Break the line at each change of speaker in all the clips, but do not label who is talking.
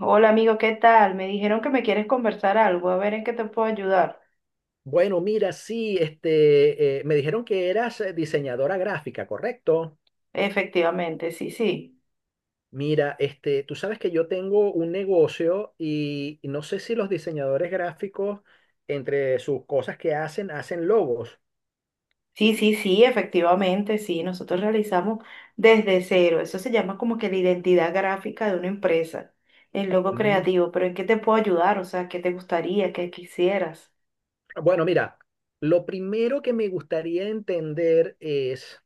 Hola amigo, ¿qué tal? Me dijeron que me quieres conversar algo, a ver en qué te puedo ayudar.
Bueno, mira, sí, me dijeron que eras diseñadora gráfica, ¿correcto?
Efectivamente, sí, sí.
Mira, tú sabes que yo tengo un negocio y no sé si los diseñadores gráficos, entre sus cosas que hacen, hacen logos.
Sí, sí, sí, efectivamente, sí. Nosotros realizamos desde cero. Eso se llama como que la identidad gráfica de una empresa, el logo
Mm.
creativo. Pero ¿en qué te puedo ayudar? O sea, ¿qué te gustaría? ¿Qué quisieras?
Bueno, mira, lo primero que me gustaría entender es,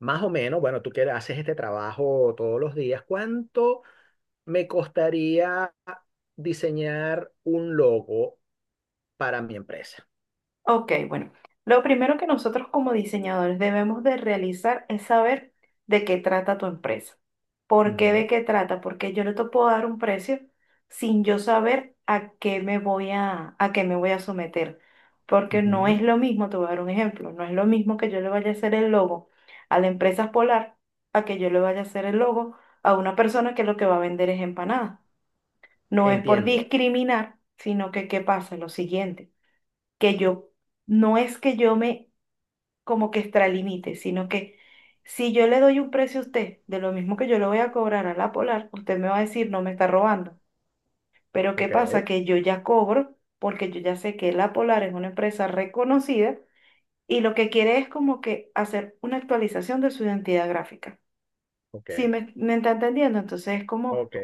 más o menos, bueno, tú que haces este trabajo todos los días, ¿cuánto me costaría diseñar un logo para mi empresa?
Ok, bueno, lo primero que nosotros como diseñadores debemos de realizar es saber de qué trata tu empresa. ¿Por qué de
Ujú.
qué trata? Porque yo no te puedo dar un precio sin yo saber a qué me voy a someter. Porque no es
Ujú.
lo mismo, te voy a dar un ejemplo, no es lo mismo que yo le vaya a hacer el logo a la empresa Polar a que yo le vaya a hacer el logo a una persona que lo que va a vender es empanadas. No es por
Entiendo.
discriminar, sino que qué pasa, lo siguiente que yo, no es que yo me como que extralimite, sino que si yo le doy un precio a usted de lo mismo que yo le voy a cobrar a la Polar, usted me va a decir, no me está robando. Pero ¿qué
Ok,
pasa? Que yo ya cobro porque yo ya sé que la Polar es una empresa reconocida y lo que quiere es como que hacer una actualización de su identidad gráfica.
ok,
¿Si me está entendiendo? Entonces es como,
ok.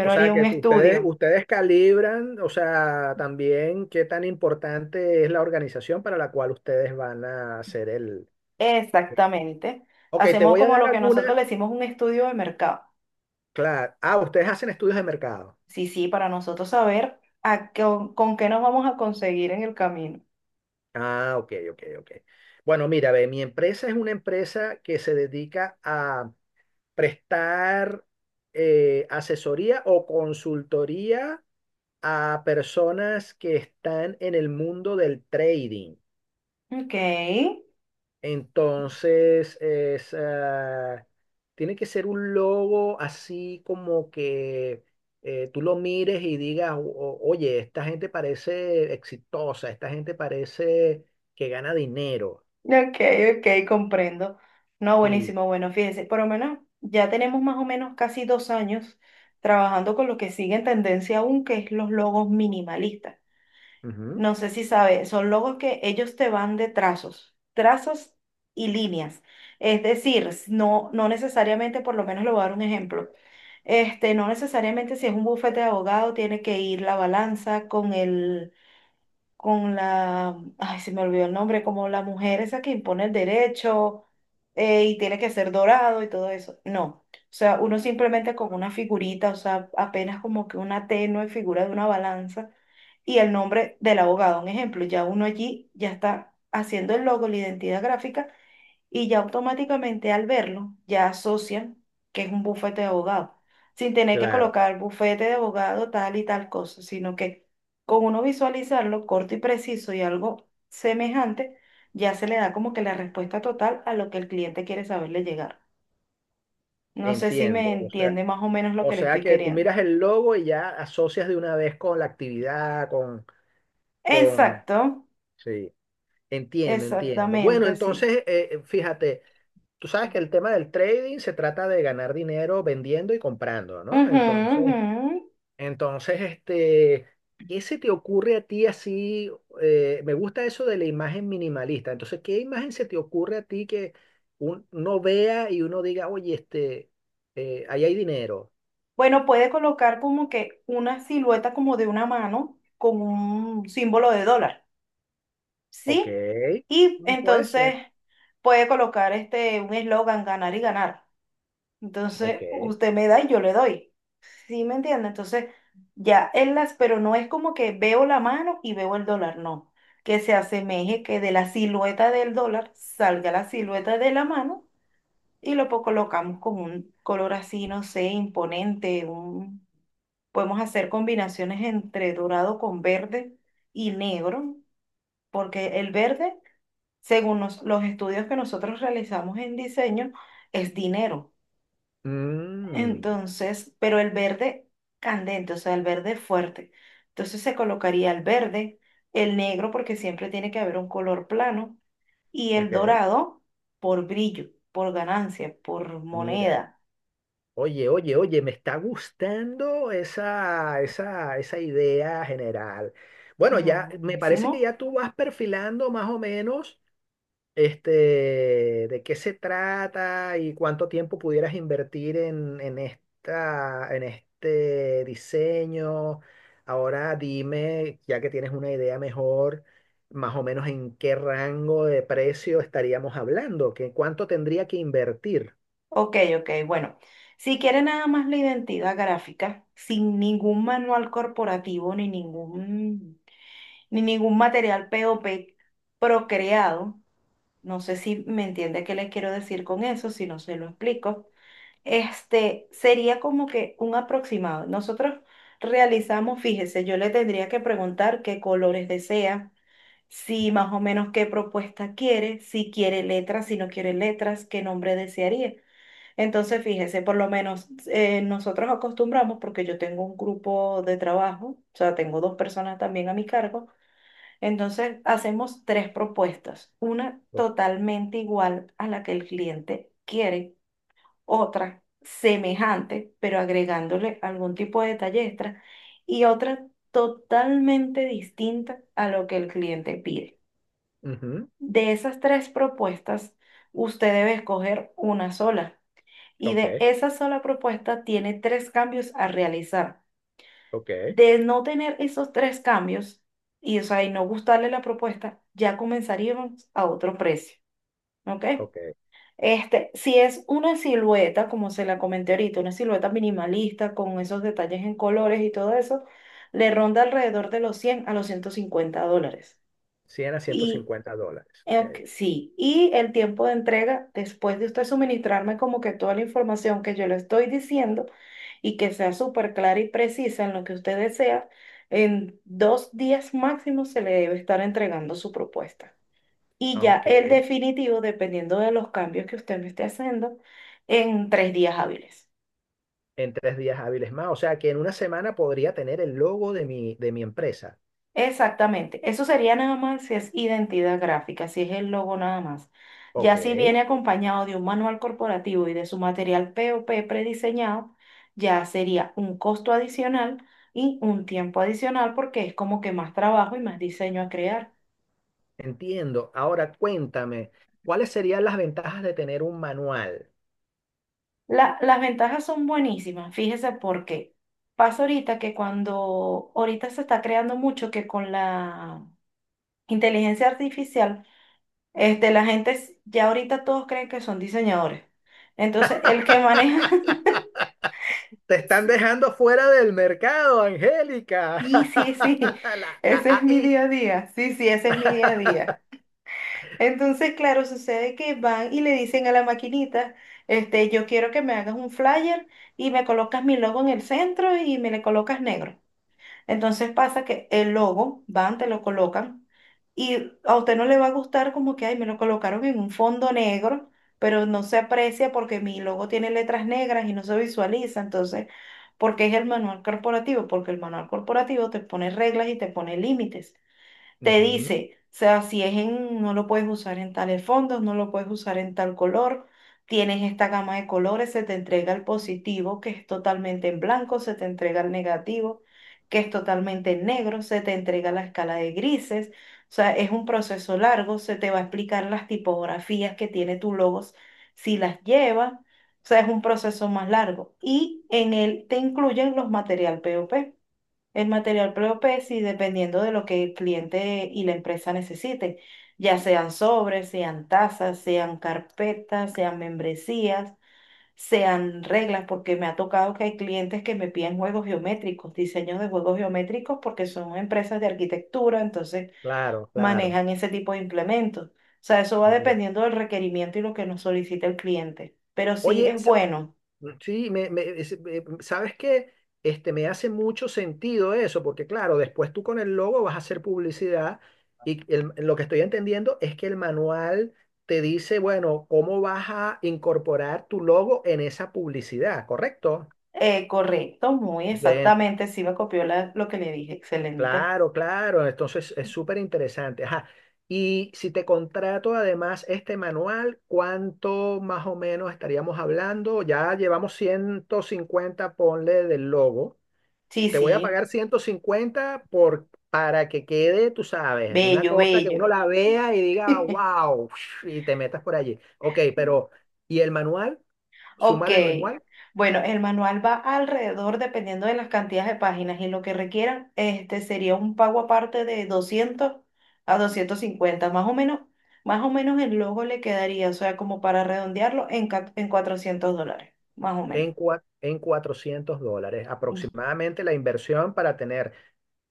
O sea
haría
que
un
tú- ustedes,
estudio.
ustedes calibran, o sea, también qué tan importante es la organización para la cual ustedes van a hacer el...
Exactamente.
Ok, te
Hacemos
voy a
como
dar
lo que
algunas.
nosotros le decimos un estudio de mercado.
Claro. Ah, ustedes hacen estudios de mercado.
Sí, sí, para nosotros saber a qué, con qué nos vamos a conseguir en el camino.
Ah, ok, ok, ok. Bueno, mira, ve, mi empresa es una empresa que se dedica a prestar asesoría o consultoría a personas que están en el mundo del trading.
Ok,
Entonces, es, ah, tiene que ser un logo así como que tú lo mires y digas, "Oye, esta gente parece exitosa, esta gente parece que gana dinero."
ok, ok, comprendo. No,
Sí,
buenísimo, bueno, fíjese, por lo menos ya tenemos más o menos casi 2 años trabajando con lo que sigue en tendencia aún, que es los logos minimalistas.
ujú,
No sé si sabe, son logos que ellos te van de trazos, trazos y líneas. Es decir, no, no necesariamente, por lo menos le voy a dar un ejemplo. Este, no necesariamente si es un bufete de abogado, tiene que ir la balanza con el, con la, ay, se me olvidó el nombre, como la mujer esa que impone el derecho, y tiene que ser dorado y todo eso. No, o sea, uno simplemente con una figurita, o sea, apenas como que una tenue figura de una balanza y el nombre del abogado, un ejemplo, ya uno allí ya está haciendo el logo, la identidad gráfica y ya automáticamente al verlo ya asocian que es un bufete de abogado, sin tener que
claro,
colocar bufete de abogado tal y tal cosa, sino que con uno visualizarlo corto y preciso y algo semejante, ya se le da como que la respuesta total a lo que el cliente quiere saberle llegar. No sé si me
entiendo.
entiende más o menos lo
O
que le
sea
estoy
que tú
queriendo.
miras el logo y ya asocias de una vez con la actividad, con,
Exacto,
sí. Entiendo, entiendo.
exactamente
Bueno,
así.
entonces, fíjate, tú sabes que el tema del trading se trata de ganar dinero vendiendo y comprando, ¿no?
Ujú,
Entonces,
ujú.
entonces, este, ¿qué se te ocurre a ti así? Me gusta eso de la imagen minimalista. Entonces, ¿qué imagen se te ocurre a ti que uno vea y uno diga, oye, ahí hay dinero?
Bueno, puede colocar como que una silueta como de una mano con un símbolo de dólar,
Ok,
¿sí? Y
mm, puede
entonces
ser,
puede colocar este un eslogan, ganar y ganar.
ok.
Entonces, usted me da y yo le doy. ¿Sí me entiende? Entonces, ya él las, pero no es como que veo la mano y veo el dólar, no. Que se asemeje que de la silueta del dólar salga la silueta de la mano y lo colocamos con un color así, no sé, imponente, un. Podemos hacer combinaciones entre dorado con verde y negro, porque el verde, según los estudios que nosotros realizamos en diseño, es dinero.
Mm,
Entonces, pero el verde candente, o sea, el verde fuerte. Entonces se colocaría el verde, el negro, porque siempre tiene que haber un color plano, y el
ok,
dorado por brillo, por ganancia, por
mira.
moneda.
Oye, me está gustando esa idea general. Bueno,
No,
ya me parece que
buenísimo.
ya tú vas perfilando más o menos este, de qué se trata y cuánto tiempo pudieras invertir en esta, en este diseño. Ahora dime, ya que tienes una idea mejor, más o menos en qué rango de precio estaríamos hablando, que cuánto tendría que invertir.
Ok, ok, bueno. Si quiere nada más la identidad gráfica, sin ningún manual corporativo ni ningún material POP procreado, no sé si me entiende qué le quiero decir con eso, si no se lo explico, este sería como que un aproximado. Nosotros realizamos, fíjese, yo le tendría que preguntar qué colores desea, si más o menos qué propuesta quiere, si quiere letras, si no quiere letras, qué nombre desearía. Entonces, fíjese, por lo menos nosotros acostumbramos, porque yo tengo un grupo de trabajo, o sea, tengo dos personas también a mi cargo, entonces hacemos tres propuestas, una totalmente igual a la que el cliente quiere, otra semejante, pero agregándole algún tipo de detalle extra, y otra totalmente distinta a lo que el cliente pide.
Ujú.
De esas tres propuestas, usted debe escoger una sola. Y
Ok,
de esa sola propuesta tiene tres cambios a realizar.
ok.
De no tener esos tres cambios y, o sea, y no gustarle la propuesta, ya comenzaríamos a otro precio. ¿Ok?
Ok.
Este, si es una silueta, como se la comenté ahorita, una silueta minimalista con esos detalles en colores y todo eso, le ronda alrededor de los 100 a los 150 dólares.
cien a ciento
Y,
cincuenta dólares. Ok.
ok. Sí, y el tiempo de entrega, después de usted suministrarme como que toda la información que yo le estoy diciendo y que sea súper clara y precisa en lo que usted desea, en 2 días máximo se le debe estar entregando su propuesta. Y ya el
Aunque
definitivo, dependiendo de los cambios que usted me esté haciendo, en 3 días hábiles.
en 3 días hábiles más. O sea que en una semana podría tener el logo de mi empresa.
Exactamente, eso sería nada más si es identidad gráfica, si es el logo nada más.
Ok.
Ya si viene acompañado de un manual corporativo y de su material POP prediseñado, ya sería un costo adicional y un tiempo adicional porque es como que más trabajo y más diseño a crear.
Entiendo. Ahora cuéntame, ¿cuáles serían las ventajas de tener un manual?
Las ventajas son buenísimas, fíjese por qué. Pasa ahorita que cuando ahorita se está creando mucho que con la inteligencia artificial. Este, la gente ya ahorita todos creen que son diseñadores. Entonces, el que maneja,
Te están dejando fuera del mercado, Angélica.
sí, sí, sí,
La
ese es mi
AI.
día a día. Sí, sí, ese es mi día a día. Entonces, claro, sucede que van y le dicen a la maquinita, este, yo quiero que me hagas un flyer y me colocas mi logo en el centro y me le colocas negro. Entonces pasa que el logo, van, te lo colocan y a usted no le va a gustar como que, ay, me lo colocaron en un fondo negro, pero no se aprecia porque mi logo tiene letras negras y no se visualiza. Entonces, ¿porque es el manual corporativo? Porque el manual corporativo te pone reglas y te pone límites, te
Ujú.
dice, o sea, si es en, no lo puedes usar en tales fondos, no lo puedes usar en tal color, tienes esta gama de colores, se te entrega el positivo, que es totalmente en blanco, se te entrega el negativo, que es totalmente en negro, se te entrega la escala de grises, o sea, es un proceso largo, se te va a explicar las tipografías que tiene tu logos, si las lleva, o sea, es un proceso más largo. Y en él te incluyen los material POP. El material propio, sí, dependiendo de lo que el cliente y la empresa necesiten, ya sean sobres, sean tazas, sean carpetas, sean membresías, sean reglas, porque me ha tocado que hay clientes que me piden juegos geométricos, diseños de juegos geométricos, porque son empresas de arquitectura, entonces
Claro, claro.
manejan ese tipo de implementos. O sea, eso va
Mira.
dependiendo del requerimiento y lo que nos solicite el cliente. Pero sí
Oye,
es bueno,
sí, sabes que me hace mucho sentido eso, porque claro, después tú con el logo vas a hacer publicidad y lo que estoy entendiendo es que el manual te dice, bueno, cómo vas a incorporar tu logo en esa publicidad, ¿correcto?
correcto, muy
Dentro.
exactamente, sí me copió lo que le dije, excelente.
Claro, claro, entonces es súper interesante. Ajá. Y si te contrato además este manual, ¿cuánto más o menos estaríamos hablando? Ya llevamos 150 ponle del logo.
Sí,
Te voy a
sí,
pagar 150 por, para que quede, tú sabes, una
bello,
cosa que uno
bello.
la vea y diga, wow, y te metas por allí. Ok, pero, ¿y el manual?
Ok,
Súmale el manual
bueno, el manual va alrededor, dependiendo de las cantidades de páginas y lo que requieran, este sería un pago aparte de 200 a 250, más o menos el logo le quedaría, o sea, como para redondearlo en, en 400 dólares, más o menos.
en, en 400 dólares, aproximadamente la inversión para tener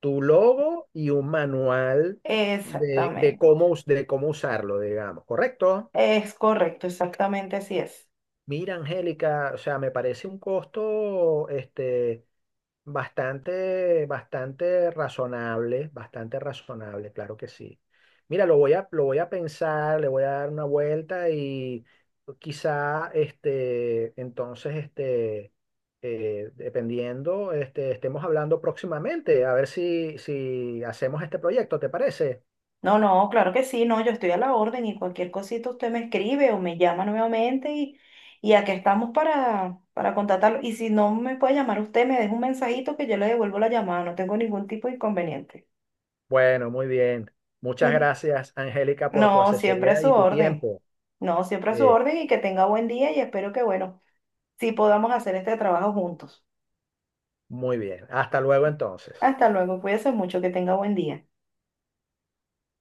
tu logo y un manual de
Exactamente,
cómo, de cómo usarlo, digamos, ¿correcto?
es correcto, exactamente así es.
Mira, Angélica, o sea, me parece un costo, este. Bastante, bastante razonable, claro que sí. Mira, lo voy a pensar, le voy a dar una vuelta y quizá, dependiendo, estemos hablando próximamente, a ver si, si hacemos este proyecto, ¿te parece?
No, no, claro que sí, no, yo estoy a la orden y cualquier cosita usted me escribe o me llama nuevamente y aquí estamos para contactarlo. Y si no me puede llamar usted, me deja un mensajito que yo le devuelvo la llamada, no tengo ningún tipo de inconveniente.
Bueno, muy bien. Muchas
Mm,
gracias, Angélica, por tu
no, siempre a
asesoría
su
y tu
orden,
tiempo.
no, siempre a su
Eh,
orden y que tenga buen día y espero que, bueno, sí podamos hacer este trabajo juntos.
muy bien. Hasta luego, entonces.
Hasta luego, cuídese mucho, que tenga buen día.